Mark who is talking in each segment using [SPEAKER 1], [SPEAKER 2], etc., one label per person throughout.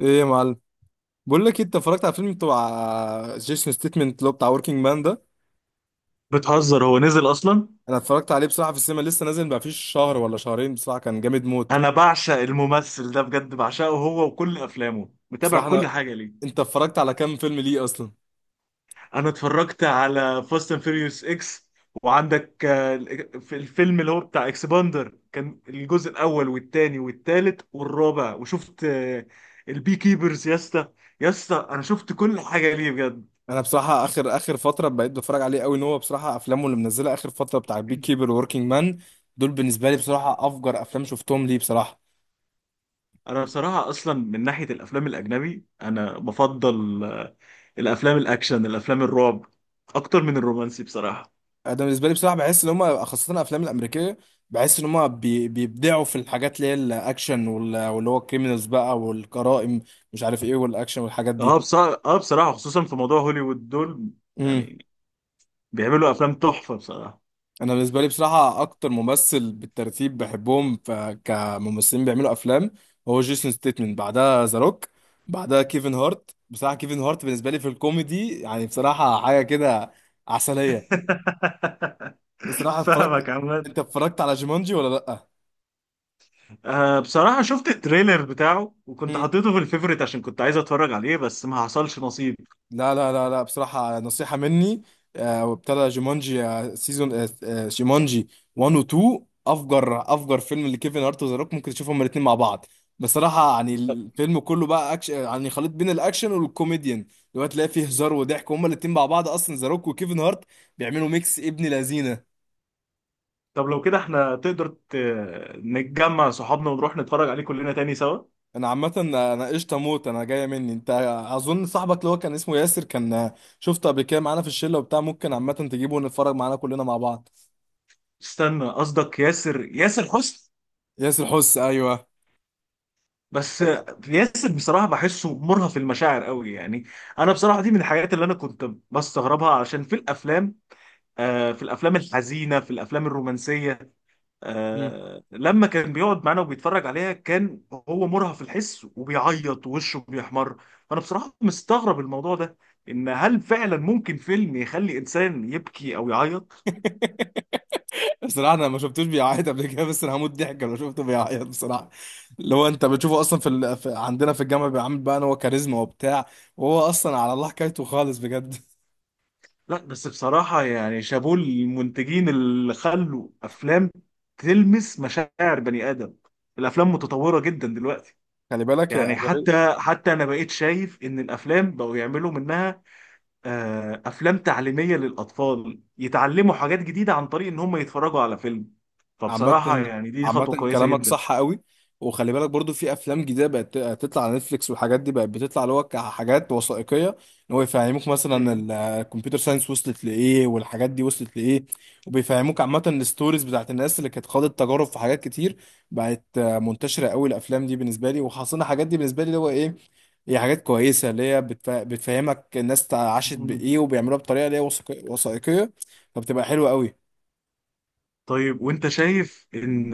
[SPEAKER 1] ايه يا معلم. بقول لك إيه، انت اتفرجت على فيلم بتاع جيسون ستيتمنت اللي هو بتاع وركينج مان ده؟
[SPEAKER 2] بتهزر؟ هو نزل اصلا؟
[SPEAKER 1] انا اتفرجت عليه بصراحه في السينما، لسه نازل ما فيش شهر ولا شهرين، بصراحه كان جامد موت.
[SPEAKER 2] انا بعشق الممثل ده بجد، بعشقه هو وكل افلامه، متابع
[SPEAKER 1] بصراحه
[SPEAKER 2] كل حاجه ليه.
[SPEAKER 1] انت اتفرجت على كام فيلم ليه اصلا؟
[SPEAKER 2] انا اتفرجت على فاست اند فيريوس اكس، وعندك في الفيلم اللي هو بتاع اكسباندر كان الجزء الاول والتاني والتالت والرابع، وشفت البي كيبرز يا اسطى. يا اسطى انا شفت كل حاجه ليه بجد.
[SPEAKER 1] انا بصراحه اخر فتره بقيت بتفرج عليه قوي، ان هو بصراحه افلامه اللي منزلها اخر فتره بتاع بيك كيبر ووركينج مان، دول بالنسبه لي بصراحه افجر افلام شفتهم ليه بصراحه.
[SPEAKER 2] انا بصراحه اصلا من ناحيه الافلام الاجنبي انا بفضل الافلام الاكشن، الافلام الرعب، اكتر من الرومانسي بصراحه.
[SPEAKER 1] انا بالنسبه لي بصراحه بحس ان هم، خاصه الافلام الامريكيه، بحس ان هم بيبدعوا في الحاجات اللي هي الاكشن واللي هو الكريمنالز بقى والجرائم، مش عارف ايه والاكشن والحاجات دي.
[SPEAKER 2] اه بصراحة، اه بصراحة، خصوصا في موضوع هوليوود دول
[SPEAKER 1] امم
[SPEAKER 2] يعني بيعملوا افلام تحفة بصراحة.
[SPEAKER 1] انا بالنسبه لي بصراحه اكتر ممثل بالترتيب بحبهم كممثلين بيعملوا افلام هو جيسون ستيتمن، بعدها ذا روك، بعدها كيفن هارت. بصراحه كيفن هارت بالنسبه لي في الكوميدي يعني بصراحه حاجه كده عسليه. بصراحه اتفرجت،
[SPEAKER 2] فاهمك عماد.
[SPEAKER 1] انت اتفرجت على جيمانجي ولا لا؟
[SPEAKER 2] آه بصراحة شفت التريلر بتاعه وكنت
[SPEAKER 1] امم
[SPEAKER 2] حطيته في الفيفوريت عشان كنت عايز اتفرج عليه، بس ما حصلش نصيب.
[SPEAKER 1] لا لا لا لا، بصراحة نصيحة مني، وابتدى جيمونجي سيزون، جيمونجي 1 و 2 افجر افجر فيلم لكيفن هارت وذا روك، ممكن تشوفهم الاثنين مع بعض. بصراحة يعني
[SPEAKER 2] طب،
[SPEAKER 1] الفيلم كله بقى يعني خليط بين الاكشن والكوميديان، اللي هو تلاقي فيه هزار وضحك، وهما الاثنين مع بعض اصلا ذا روك وكيفن هارت بيعملوا ميكس ابن لذينة.
[SPEAKER 2] طب لو كده احنا تقدر نتجمع صحابنا ونروح نتفرج عليه كلنا تاني سوا.
[SPEAKER 1] انا عامة، انا قشطة موت، انا جاية مني انت. اظن صاحبك اللي هو كان اسمه ياسر، كان شفته قبل كده معانا في الشلة وبتاع، ممكن عامة تجيبه ونتفرج معانا كلنا مع بعض.
[SPEAKER 2] استنى، قصدك ياسر؟ ياسر حسني؟
[SPEAKER 1] ياسر حس، ايوه.
[SPEAKER 2] بس ياسر بصراحة بحسه مرهف المشاعر قوي يعني. انا بصراحة دي من الحاجات اللي انا كنت بستغربها، عشان في الافلام، في الافلام الحزينه، في الافلام الرومانسيه،
[SPEAKER 1] مم.
[SPEAKER 2] لما كان بيقعد معانا وبيتفرج عليها كان هو مرهف في الحس وبيعيط ووشه بيحمر. فانا بصراحه مستغرب الموضوع ده، ان هل فعلا ممكن فيلم يخلي انسان يبكي او يعيط؟
[SPEAKER 1] بصراحه انا ما شفتوش بيعيط قبل كده، بس انا هموت ضحك لو شفته بيعيط بصراحه. اللي هو انت بتشوفه اصلا في عندنا في الجامعه بيعمل بقى ان هو كاريزما وبتاع، وهو اصلا على الله حكايته خالص بجد.
[SPEAKER 2] لا بس بصراحه يعني شابوه المنتجين اللي خلوا افلام تلمس مشاعر بني ادم. الافلام متطوره جدا دلوقتي،
[SPEAKER 1] خلي بالك يا
[SPEAKER 2] يعني
[SPEAKER 1] أغلبية.
[SPEAKER 2] حتى انا بقيت شايف ان الافلام بقوا يعملوا منها افلام تعليميه للاطفال يتعلموا حاجات جديده عن طريق ان هم يتفرجوا على فيلم. فبصراحه
[SPEAKER 1] عامة،
[SPEAKER 2] يعني دي خطوه
[SPEAKER 1] عامة
[SPEAKER 2] كويسه
[SPEAKER 1] كلامك
[SPEAKER 2] جدا.
[SPEAKER 1] صح قوي. وخلي بالك برضو في افلام جديده بقت تطلع على نتفليكس والحاجات دي، بقت بتطلع اللي هو كحاجات وثائقيه، ان هو يفهموك مثلا
[SPEAKER 2] ايوه.
[SPEAKER 1] الكمبيوتر ساينس وصلت لايه، والحاجات دي وصلت لايه، وبيفهموك عامه الستوريز بتاعت الناس اللي كانت خاضت تجارب في حاجات كتير. بقت منتشره قوي الافلام دي بالنسبه لي، وحصلنا الحاجات دي بالنسبه لي اللي هو ايه، هي حاجات كويسه اللي هي بتفهمك الناس عاشت
[SPEAKER 2] مم.
[SPEAKER 1] بايه، وبيعملوها بطريقه اللي هي وثائقيه، فبتبقى حلوه قوي.
[SPEAKER 2] طيب، وانت شايف ان،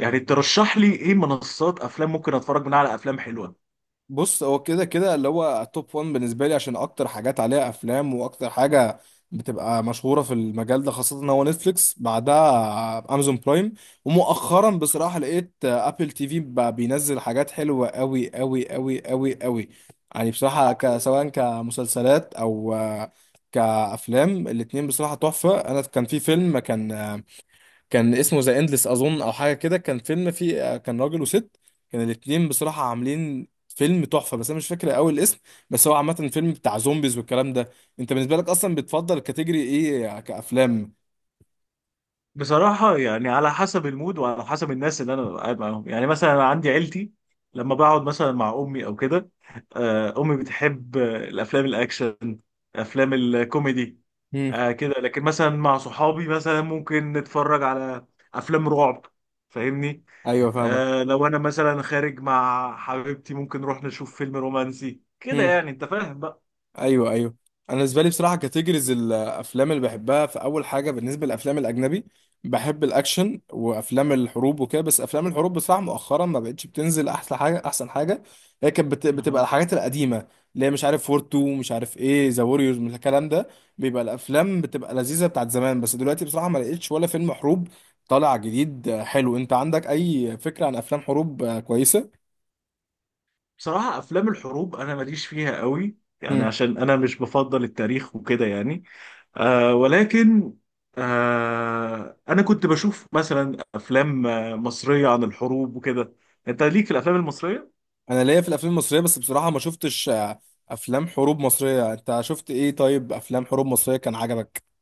[SPEAKER 2] يعني ترشح لي ايه منصات افلام ممكن اتفرج منها على افلام حلوه؟
[SPEAKER 1] بص هو كده كده اللي هو توب 1 بالنسبه لي، عشان اكتر حاجات عليها افلام، واكتر حاجه بتبقى مشهوره في المجال ده، خاصه ان هو نتفليكس، بعدها امازون برايم، ومؤخرا بصراحه لقيت ابل تي في بقى بينزل حاجات حلوه قوي قوي قوي قوي قوي. يعني بصراحه سواء كمسلسلات او كافلام، الاتنين بصراحه تحفه. انا كان في فيلم كان اسمه ذا اندلس اظن او حاجه كده، كان فيلم فيه كان راجل وست، كان الاتنين بصراحه عاملين فيلم تحفه، بس انا مش فاكر قوي الاسم، بس هو عامه فيلم بتاع زومبيز والكلام ده. انت بالنسبه لك اصلا بتفضل كاتيجوري ايه كافلام؟
[SPEAKER 2] بصراحه يعني على حسب المود وعلى حسب الناس اللي انا قاعد معاهم، يعني مثلا أنا عندي عيلتي، لما بقعد مثلا مع امي او كده، امي بتحب الافلام الاكشن، افلام الكوميدي
[SPEAKER 1] مم.
[SPEAKER 2] آه كده. لكن مثلا مع صحابي مثلا ممكن نتفرج على افلام رعب، فاهمني؟
[SPEAKER 1] ايوه فاهمك.
[SPEAKER 2] آه لو انا مثلا خارج مع حبيبتي ممكن نروح نشوف فيلم رومانسي كده، يعني انت فاهم بقى.
[SPEAKER 1] ايوه ايوه. انا بالنسبه لي بصراحه كاتيجوريز الافلام اللي بحبها، في اول حاجه بالنسبه للافلام الاجنبي، بحب الاكشن وافلام الحروب وكده، بس افلام الحروب بصراحه مؤخرا ما بقتش بتنزل احسن حاجه. احسن حاجه هي كانت بتبقى
[SPEAKER 2] أها.
[SPEAKER 1] الحاجات القديمه، اللي هي مش عارف وور 2، مش عارف ايه ذا ووريرز من الكلام ده، بيبقى الافلام بتبقى لذيذه بتاعت زمان. بس دلوقتي بصراحه ما لقيتش ولا فيلم حروب طالع جديد حلو، انت عندك اي فكره عن افلام حروب كويسه؟
[SPEAKER 2] بصراحة افلام الحروب انا ماليش فيها قوي، يعني عشان انا مش بفضل التاريخ وكده يعني. آه ولكن آه انا كنت بشوف مثلا افلام مصرية عن الحروب وكده. انت ليك في الافلام المصرية؟
[SPEAKER 1] انا ليا في الافلام المصريه، بس بصراحه ما شفتش افلام حروب مصريه. انت شفت ايه طيب، افلام حروب مصريه كان عجبك؟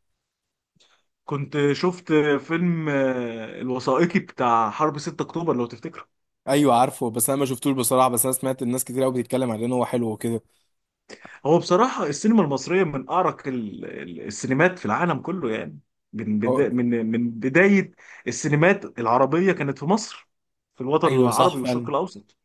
[SPEAKER 2] كنت شفت فيلم الوثائقي بتاع حرب 6 اكتوبر لو تفتكره.
[SPEAKER 1] ايوه عارفه، بس انا ما شفتوش بصراحه، بس انا سمعت الناس كتير قوي بتتكلم عليه ان هو حلو وكده.
[SPEAKER 2] هو بصراحة السينما المصرية من أعرق السينمات في العالم كله، يعني من
[SPEAKER 1] هو-
[SPEAKER 2] بدا من بداية السينمات العربية كانت في مصر، في الوطن
[SPEAKER 1] ايوه
[SPEAKER 2] العربي
[SPEAKER 1] صح
[SPEAKER 2] والشرق
[SPEAKER 1] فعلا.
[SPEAKER 2] الأوسط.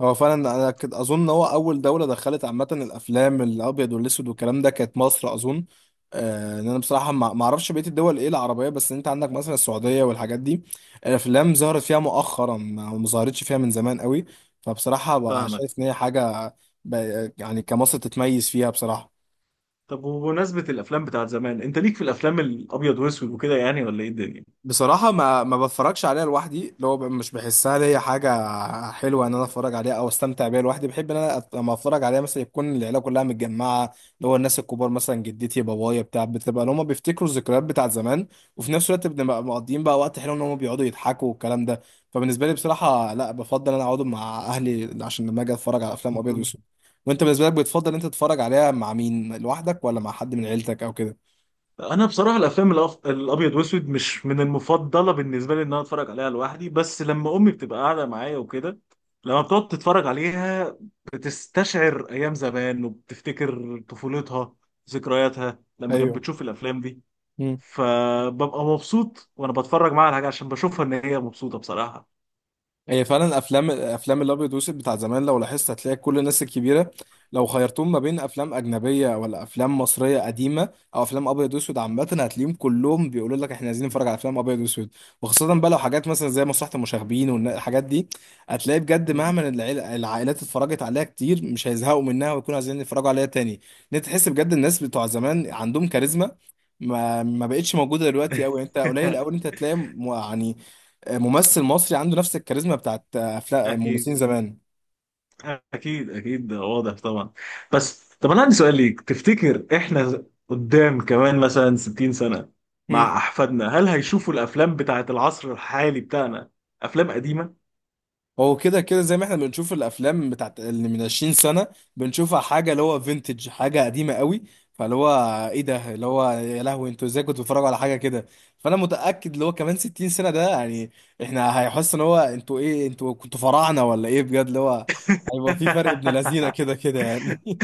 [SPEAKER 1] هو فعلا انا اظن هو اول دوله دخلت عامه الافلام الابيض والاسود والكلام ده كانت مصر اظن، ان انا بصراحه ما اعرفش بقيه الدول ايه العربيه، بس انت عندك مثلا السعوديه والحاجات دي الافلام ظهرت فيها مؤخرا، ما ظهرتش فيها من زمان قوي، فبصراحه بقى
[SPEAKER 2] فاهمك.
[SPEAKER 1] شايف ان هي حاجه يعني كمصر تتميز فيها بصراحه.
[SPEAKER 2] طب وبمناسبة الأفلام بتاعت زمان، أنت ليك في الأفلام الأبيض وأسود وكده يعني ولا إيه الدنيا؟
[SPEAKER 1] بصراحة ما بتفرجش عليها لوحدي، اللي هو مش بحسها ليا حاجة حلوة إن أنا أتفرج عليها أو أستمتع بيها لوحدي. بحب إن أنا لما أتفرج عليها مثلا يكون العيلة كلها متجمعة، اللي هو الناس الكبار مثلا جدتي، بابايا بتاع، بتبقى اللي هما بيفتكروا الذكريات بتاعت زمان، وفي نفس الوقت بنبقى مقضيين بقى وقت حلو، إن هما بيقعدوا يضحكوا والكلام ده. فبالنسبة لي بصراحة لا، بفضل إن أنا أقعد مع أهلي عشان لما أجي أتفرج على أفلام أبيض وأسود. وأنت بالنسبة لك بتفضل إن أنت تتفرج عليها مع مين، لوحدك ولا مع حد من عيلتك أو كده؟
[SPEAKER 2] انا بصراحه الافلام الابيض واسود مش من المفضله بالنسبه لي ان انا اتفرج عليها لوحدي، بس لما امي بتبقى قاعده معايا وكده، لما بتقعد تتفرج عليها بتستشعر ايام زمان وبتفتكر طفولتها، ذكرياتها لما كانت
[SPEAKER 1] ايوه.
[SPEAKER 2] بتشوف الافلام دي. فببقى مبسوط وانا بتفرج معاها على حاجه عشان بشوفها ان هي مبسوطه بصراحه.
[SPEAKER 1] هي فعلا افلام الابيض والاسود بتاع زمان، لو لاحظت هتلاقي كل الناس الكبيره، لو خيرتهم ما بين افلام اجنبيه ولا افلام مصريه قديمه او افلام ابيض واسود عامه، هتلاقيهم كلهم بيقولوا لك احنا عايزين نتفرج على افلام ابيض واسود. وخاصه بقى لو حاجات مثلا زي مسرحيه المشاغبين والحاجات دي، هتلاقي بجد
[SPEAKER 2] مم.
[SPEAKER 1] مهما العائلات اتفرجت عليها كتير، مش هيزهقوا منها ويكونوا عايزين يتفرجوا عليها تاني. ان انت تحس بجد الناس بتوع زمان عندهم كاريزما ما بقتش موجوده دلوقتي قوي. انت قليل قوي انت هتلاقي يعني ممثل مصري عنده نفس الكاريزما بتاعت افلام ممثلين
[SPEAKER 2] اكيد،
[SPEAKER 1] زمان.
[SPEAKER 2] اكيد اكيد، ده واضح طبعا. بس طب انا عندي سؤال ليك، تفتكر احنا قدام كمان مثلا 60 سنة
[SPEAKER 1] مم.
[SPEAKER 2] مع احفادنا، هل هيشوفوا الافلام بتاعت العصر الحالي بتاعنا افلام قديمة؟
[SPEAKER 1] هو كده كده زي ما احنا بنشوف الافلام بتاعت اللي من 20 سنه، بنشوفها حاجه اللي هو فينتج، حاجه قديمه قوي، فاللي هو ايه ده، اللي هو يا لهوي انتوا ازاي كنتوا بتتفرجوا على حاجه كده. فانا متاكد اللي هو كمان 60 سنه ده يعني احنا هيحس ان هو انتوا ايه، انتوا كنتوا فراعنه ولا ايه بجد، اللي هو هيبقى في فرق ابن لذينه كده كده يعني.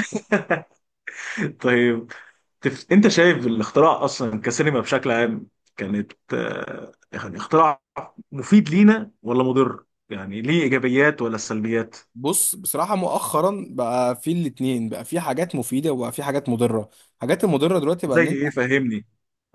[SPEAKER 2] طيب، انت شايف الاختراع اصلا كسينما بشكل عام كانت يعني اختراع مفيد لينا ولا مضر؟ يعني ليه ايجابيات ولا سلبيات؟
[SPEAKER 1] بص بصراحه مؤخرا بقى في الاتنين، بقى في حاجات مفيده وبقى في حاجات مضره. الحاجات المضره دلوقتي بقى
[SPEAKER 2] زي
[SPEAKER 1] ان
[SPEAKER 2] ايه، فهمني.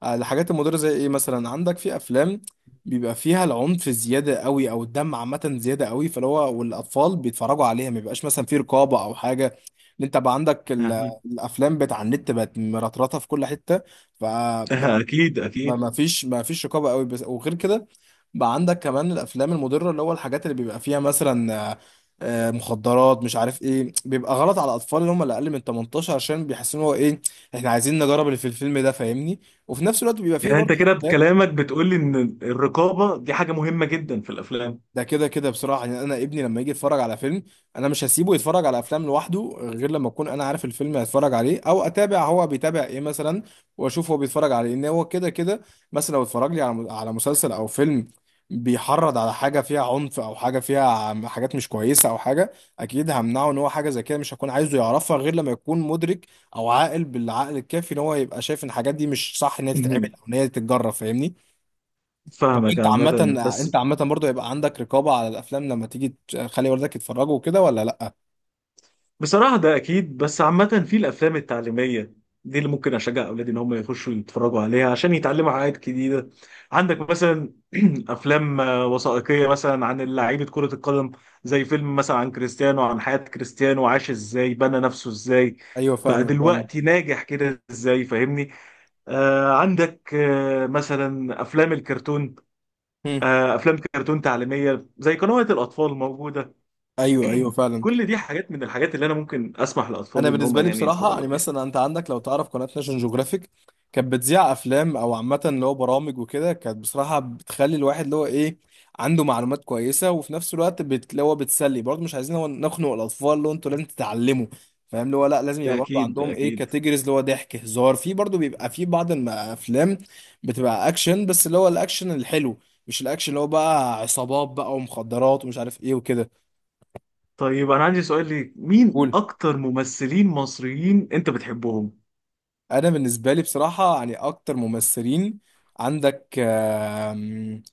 [SPEAKER 1] الحاجات المضرة زي ايه، مثلا عندك في افلام بيبقى فيها العنف زيادة قوي، او الدم عامة زيادة قوي، فاللي هو والاطفال بيتفرجوا عليها ما بيبقاش مثلا في رقابة او حاجة. ان انت بقى عندك
[SPEAKER 2] أها.
[SPEAKER 1] الافلام بتاع النت بقت مرطرطة في كل حتة، ف
[SPEAKER 2] أها، اكيد
[SPEAKER 1] ما
[SPEAKER 2] اكيد.
[SPEAKER 1] ما فيش ما فيش رقابه قوي بس. وغير كده، بقى عندك كمان الافلام المضره اللي هو الحاجات اللي بيبقى فيها مثلا مخدرات، مش عارف ايه، بيبقى غلط على الاطفال اللي هم اللي اقل من 18، عشان بيحسوا ان هو ايه، احنا عايزين نجرب اللي في الفيلم ده فاهمني. وفي نفس الوقت بيبقى فيه
[SPEAKER 2] يعني انت
[SPEAKER 1] برضه
[SPEAKER 2] كده
[SPEAKER 1] افلام.
[SPEAKER 2] بكلامك بتقول لي ان الرقابه دي حاجه مهمه جدا في الافلام.
[SPEAKER 1] ده كده كده بصراحة، يعني أنا ابني لما يجي يتفرج على فيلم، أنا مش هسيبه يتفرج على أفلام لوحده غير لما أكون أنا عارف الفيلم هيتفرج عليه، أو أتابع هو بيتابع إيه مثلا، وأشوف هو بيتفرج على إيه، إن هو كده كده مثلا لو اتفرج لي على مسلسل أو فيلم بيحرض على حاجة فيها عنف، أو حاجة فيها حاجات مش كويسة أو حاجة، أكيد همنعه إن هو حاجة زي كده مش هكون عايزه يعرفها غير لما يكون مدرك أو عاقل بالعقل الكافي، إن هو يبقى شايف إن الحاجات دي مش صح إن هي تتعمل
[SPEAKER 2] مهم.
[SPEAKER 1] أو إن هي تتجرب فاهمني. طب
[SPEAKER 2] فاهمك
[SPEAKER 1] انت
[SPEAKER 2] عامه.
[SPEAKER 1] عامة، انت
[SPEAKER 2] بس
[SPEAKER 1] عامة برضو يبقى عندك رقابة على الافلام لما تيجي تخلي والدك يتفرجوا وكده ولا لا؟
[SPEAKER 2] بصراحه ده اكيد، بس عامه في الافلام التعليميه دي اللي ممكن اشجع اولادي ان هم يخشوا يتفرجوا عليها عشان يتعلموا حاجات جديده. عندك مثلا افلام وثائقيه مثلا عن لعيبه كره القدم، زي فيلم مثلا عن كريستيانو، عن حياه كريستيانو، عاش ازاي، بنى نفسه ازاي،
[SPEAKER 1] ايوه
[SPEAKER 2] بقى
[SPEAKER 1] فاهمك فاهم.
[SPEAKER 2] دلوقتي ناجح كده ازاي، فاهمني؟ آه عندك آه مثلا افلام الكرتون، افلام كرتون تعليميه زي قنوات الاطفال موجوده.
[SPEAKER 1] ايوه ايوه فعلا.
[SPEAKER 2] كل دي حاجات من الحاجات اللي انا ممكن اسمح
[SPEAKER 1] انا
[SPEAKER 2] لاطفالي ان هم
[SPEAKER 1] بالنسبه لي
[SPEAKER 2] يعني
[SPEAKER 1] بصراحه
[SPEAKER 2] يتفرجوا
[SPEAKER 1] يعني
[SPEAKER 2] عليها.
[SPEAKER 1] مثلا انت عندك لو تعرف قناه ناشونال جيوغرافيك كانت بتذيع افلام، او عامه اللي هو برامج وكده، كانت بصراحه بتخلي الواحد اللي هو ايه، عنده معلومات كويسه، وفي نفس الوقت اللي هو بتسلي برضه. مش عايزين هو نخنق الاطفال اللي هو انتوا لازم تتعلموا فاهم، اللي هو لا لازم
[SPEAKER 2] ده
[SPEAKER 1] يبقى برضه
[SPEAKER 2] اكيد، ده
[SPEAKER 1] عندهم ايه
[SPEAKER 2] اكيد.
[SPEAKER 1] كاتيجوريز اللي هو ضحك هزار. في برضه بيبقى في بعض الافلام بتبقى اكشن، بس اللي هو الاكشن الحلو، مش الاكشن اللي هو بقى عصابات بقى، ومخدرات، ومش عارف ايه وكده.
[SPEAKER 2] طيب انا عندي سؤال ليك، مين اكتر ممثلين مصريين انت بتحبهم؟
[SPEAKER 1] انا بالنسبه لي بصراحه يعني اكتر ممثلين، عندك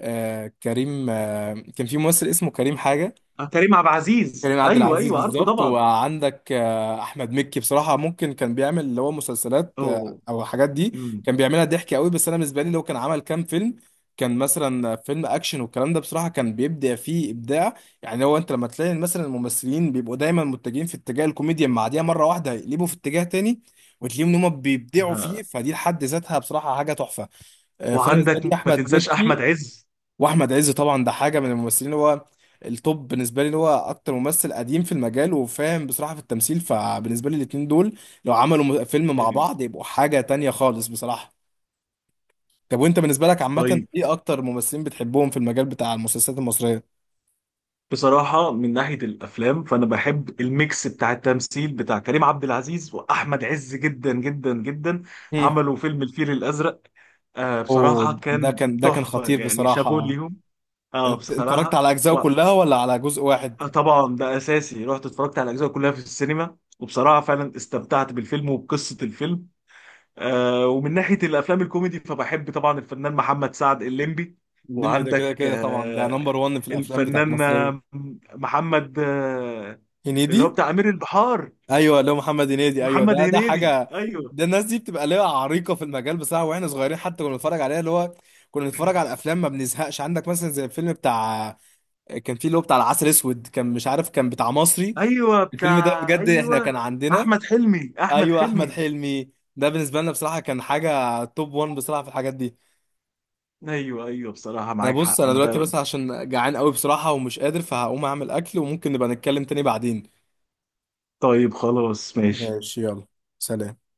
[SPEAKER 1] كريم، كان في ممثل اسمه كريم حاجه.
[SPEAKER 2] كريم عبد العزيز،
[SPEAKER 1] كريم عبد
[SPEAKER 2] ايوه
[SPEAKER 1] العزيز
[SPEAKER 2] ايوه عارفه
[SPEAKER 1] بالظبط.
[SPEAKER 2] طبعا.
[SPEAKER 1] وعندك احمد مكي، بصراحه ممكن كان بيعمل اللي هو مسلسلات
[SPEAKER 2] اوه.
[SPEAKER 1] او الحاجات دي،
[SPEAKER 2] امم.
[SPEAKER 1] كان بيعملها ضحك قوي، بس انا بالنسبه لي لو كان عمل كام فيلم، كان مثلا فيلم اكشن والكلام ده بصراحه كان بيبدع فيه ابداع. يعني هو انت لما تلاقي مثلا الممثلين بيبقوا دايما متجهين في اتجاه الكوميديا، مع دي مره واحده يقلبوا في اتجاه تاني وتلاقيهم ان هم بيبدعوا فيه،
[SPEAKER 2] آه.
[SPEAKER 1] فدي لحد ذاتها بصراحه حاجه تحفه. فانا بالنسبه لي
[SPEAKER 2] وعندك ما
[SPEAKER 1] احمد
[SPEAKER 2] تنساش احمد
[SPEAKER 1] مكي
[SPEAKER 2] عز.
[SPEAKER 1] واحمد عز طبعا، ده حاجه من الممثلين، اللي هو التوب بالنسبه لي، اللي هو اكتر ممثل قديم في المجال وفاهم بصراحه في التمثيل، فبالنسبه لي الاتنين دول لو عملوا فيلم مع
[SPEAKER 2] ايوه.
[SPEAKER 1] بعض يبقوا حاجه تانية خالص بصراحه. طب وانت بالنسبه لك عامه
[SPEAKER 2] طيب،
[SPEAKER 1] ايه اكتر ممثلين بتحبهم في المجال بتاع المسلسلات المصريه؟
[SPEAKER 2] بصراحة من ناحية الأفلام فأنا بحب الميكس بتاع التمثيل بتاع كريم عبد العزيز وأحمد عز جدا جدا جدا.
[SPEAKER 1] مم.
[SPEAKER 2] عملوا فيلم الفيل الأزرق، آه
[SPEAKER 1] اوه
[SPEAKER 2] بصراحة
[SPEAKER 1] ده
[SPEAKER 2] كان
[SPEAKER 1] كان، ده كان
[SPEAKER 2] تحفة،
[SPEAKER 1] خطير
[SPEAKER 2] يعني شابوه
[SPEAKER 1] بصراحه.
[SPEAKER 2] ليهم. آه
[SPEAKER 1] انت انت اتفرجت
[SPEAKER 2] بصراحة.
[SPEAKER 1] على اجزائه كلها ولا على جزء واحد؟
[SPEAKER 2] وطبعا ده أساسي، رحت اتفرجت على الأجزاء كلها في السينما، وبصراحة فعلا استمتعت بالفيلم وبقصة الفيلم. ومن ناحية الأفلام الكوميدي فبحب طبعا الفنان محمد سعد الليمبي.
[SPEAKER 1] الليمبي ده كده
[SPEAKER 2] وعندك
[SPEAKER 1] كده طبعا ده نمبر 1 في الافلام بتاعت
[SPEAKER 2] الفنان
[SPEAKER 1] مصريه.
[SPEAKER 2] محمد اللي هو
[SPEAKER 1] هنيدي،
[SPEAKER 2] بتاع أمير البحار.
[SPEAKER 1] ايوه اللي هو محمد هنيدي، ايوه
[SPEAKER 2] محمد
[SPEAKER 1] ده ده
[SPEAKER 2] هنيدي
[SPEAKER 1] حاجه.
[SPEAKER 2] أيوه
[SPEAKER 1] ده الناس دي بتبقى ليها عريقه في المجال بصراحه، واحنا صغيرين حتى كنا بنتفرج عليها، اللي هو كنا بنتفرج على الافلام ما بنزهقش. عندك مثلا زي الفيلم بتاع كان فيه، اللي هو بتاع العسل اسود، كان مش عارف كان بتاع مصري،
[SPEAKER 2] أيوه.
[SPEAKER 1] الفيلم ده
[SPEAKER 2] بتاع
[SPEAKER 1] بجد احنا
[SPEAKER 2] أيوه،
[SPEAKER 1] كان عندنا،
[SPEAKER 2] أحمد حلمي، أحمد
[SPEAKER 1] ايوه احمد
[SPEAKER 2] حلمي
[SPEAKER 1] حلمي، ده بالنسبه لنا بصراحه كان حاجه توب 1 بصراحه في الحاجات دي.
[SPEAKER 2] أيوه أيوه. بصراحة
[SPEAKER 1] انا
[SPEAKER 2] معاك
[SPEAKER 1] بص
[SPEAKER 2] حق،
[SPEAKER 1] انا
[SPEAKER 2] أنا
[SPEAKER 1] دلوقتي
[SPEAKER 2] فعلا.
[SPEAKER 1] بس عشان جعان قوي بصراحه ومش قادر، فهقوم اعمل اكل وممكن نبقى نتكلم تاني بعدين.
[SPEAKER 2] طيب خلاص ماشي.
[SPEAKER 1] ماشي يلا. سلام.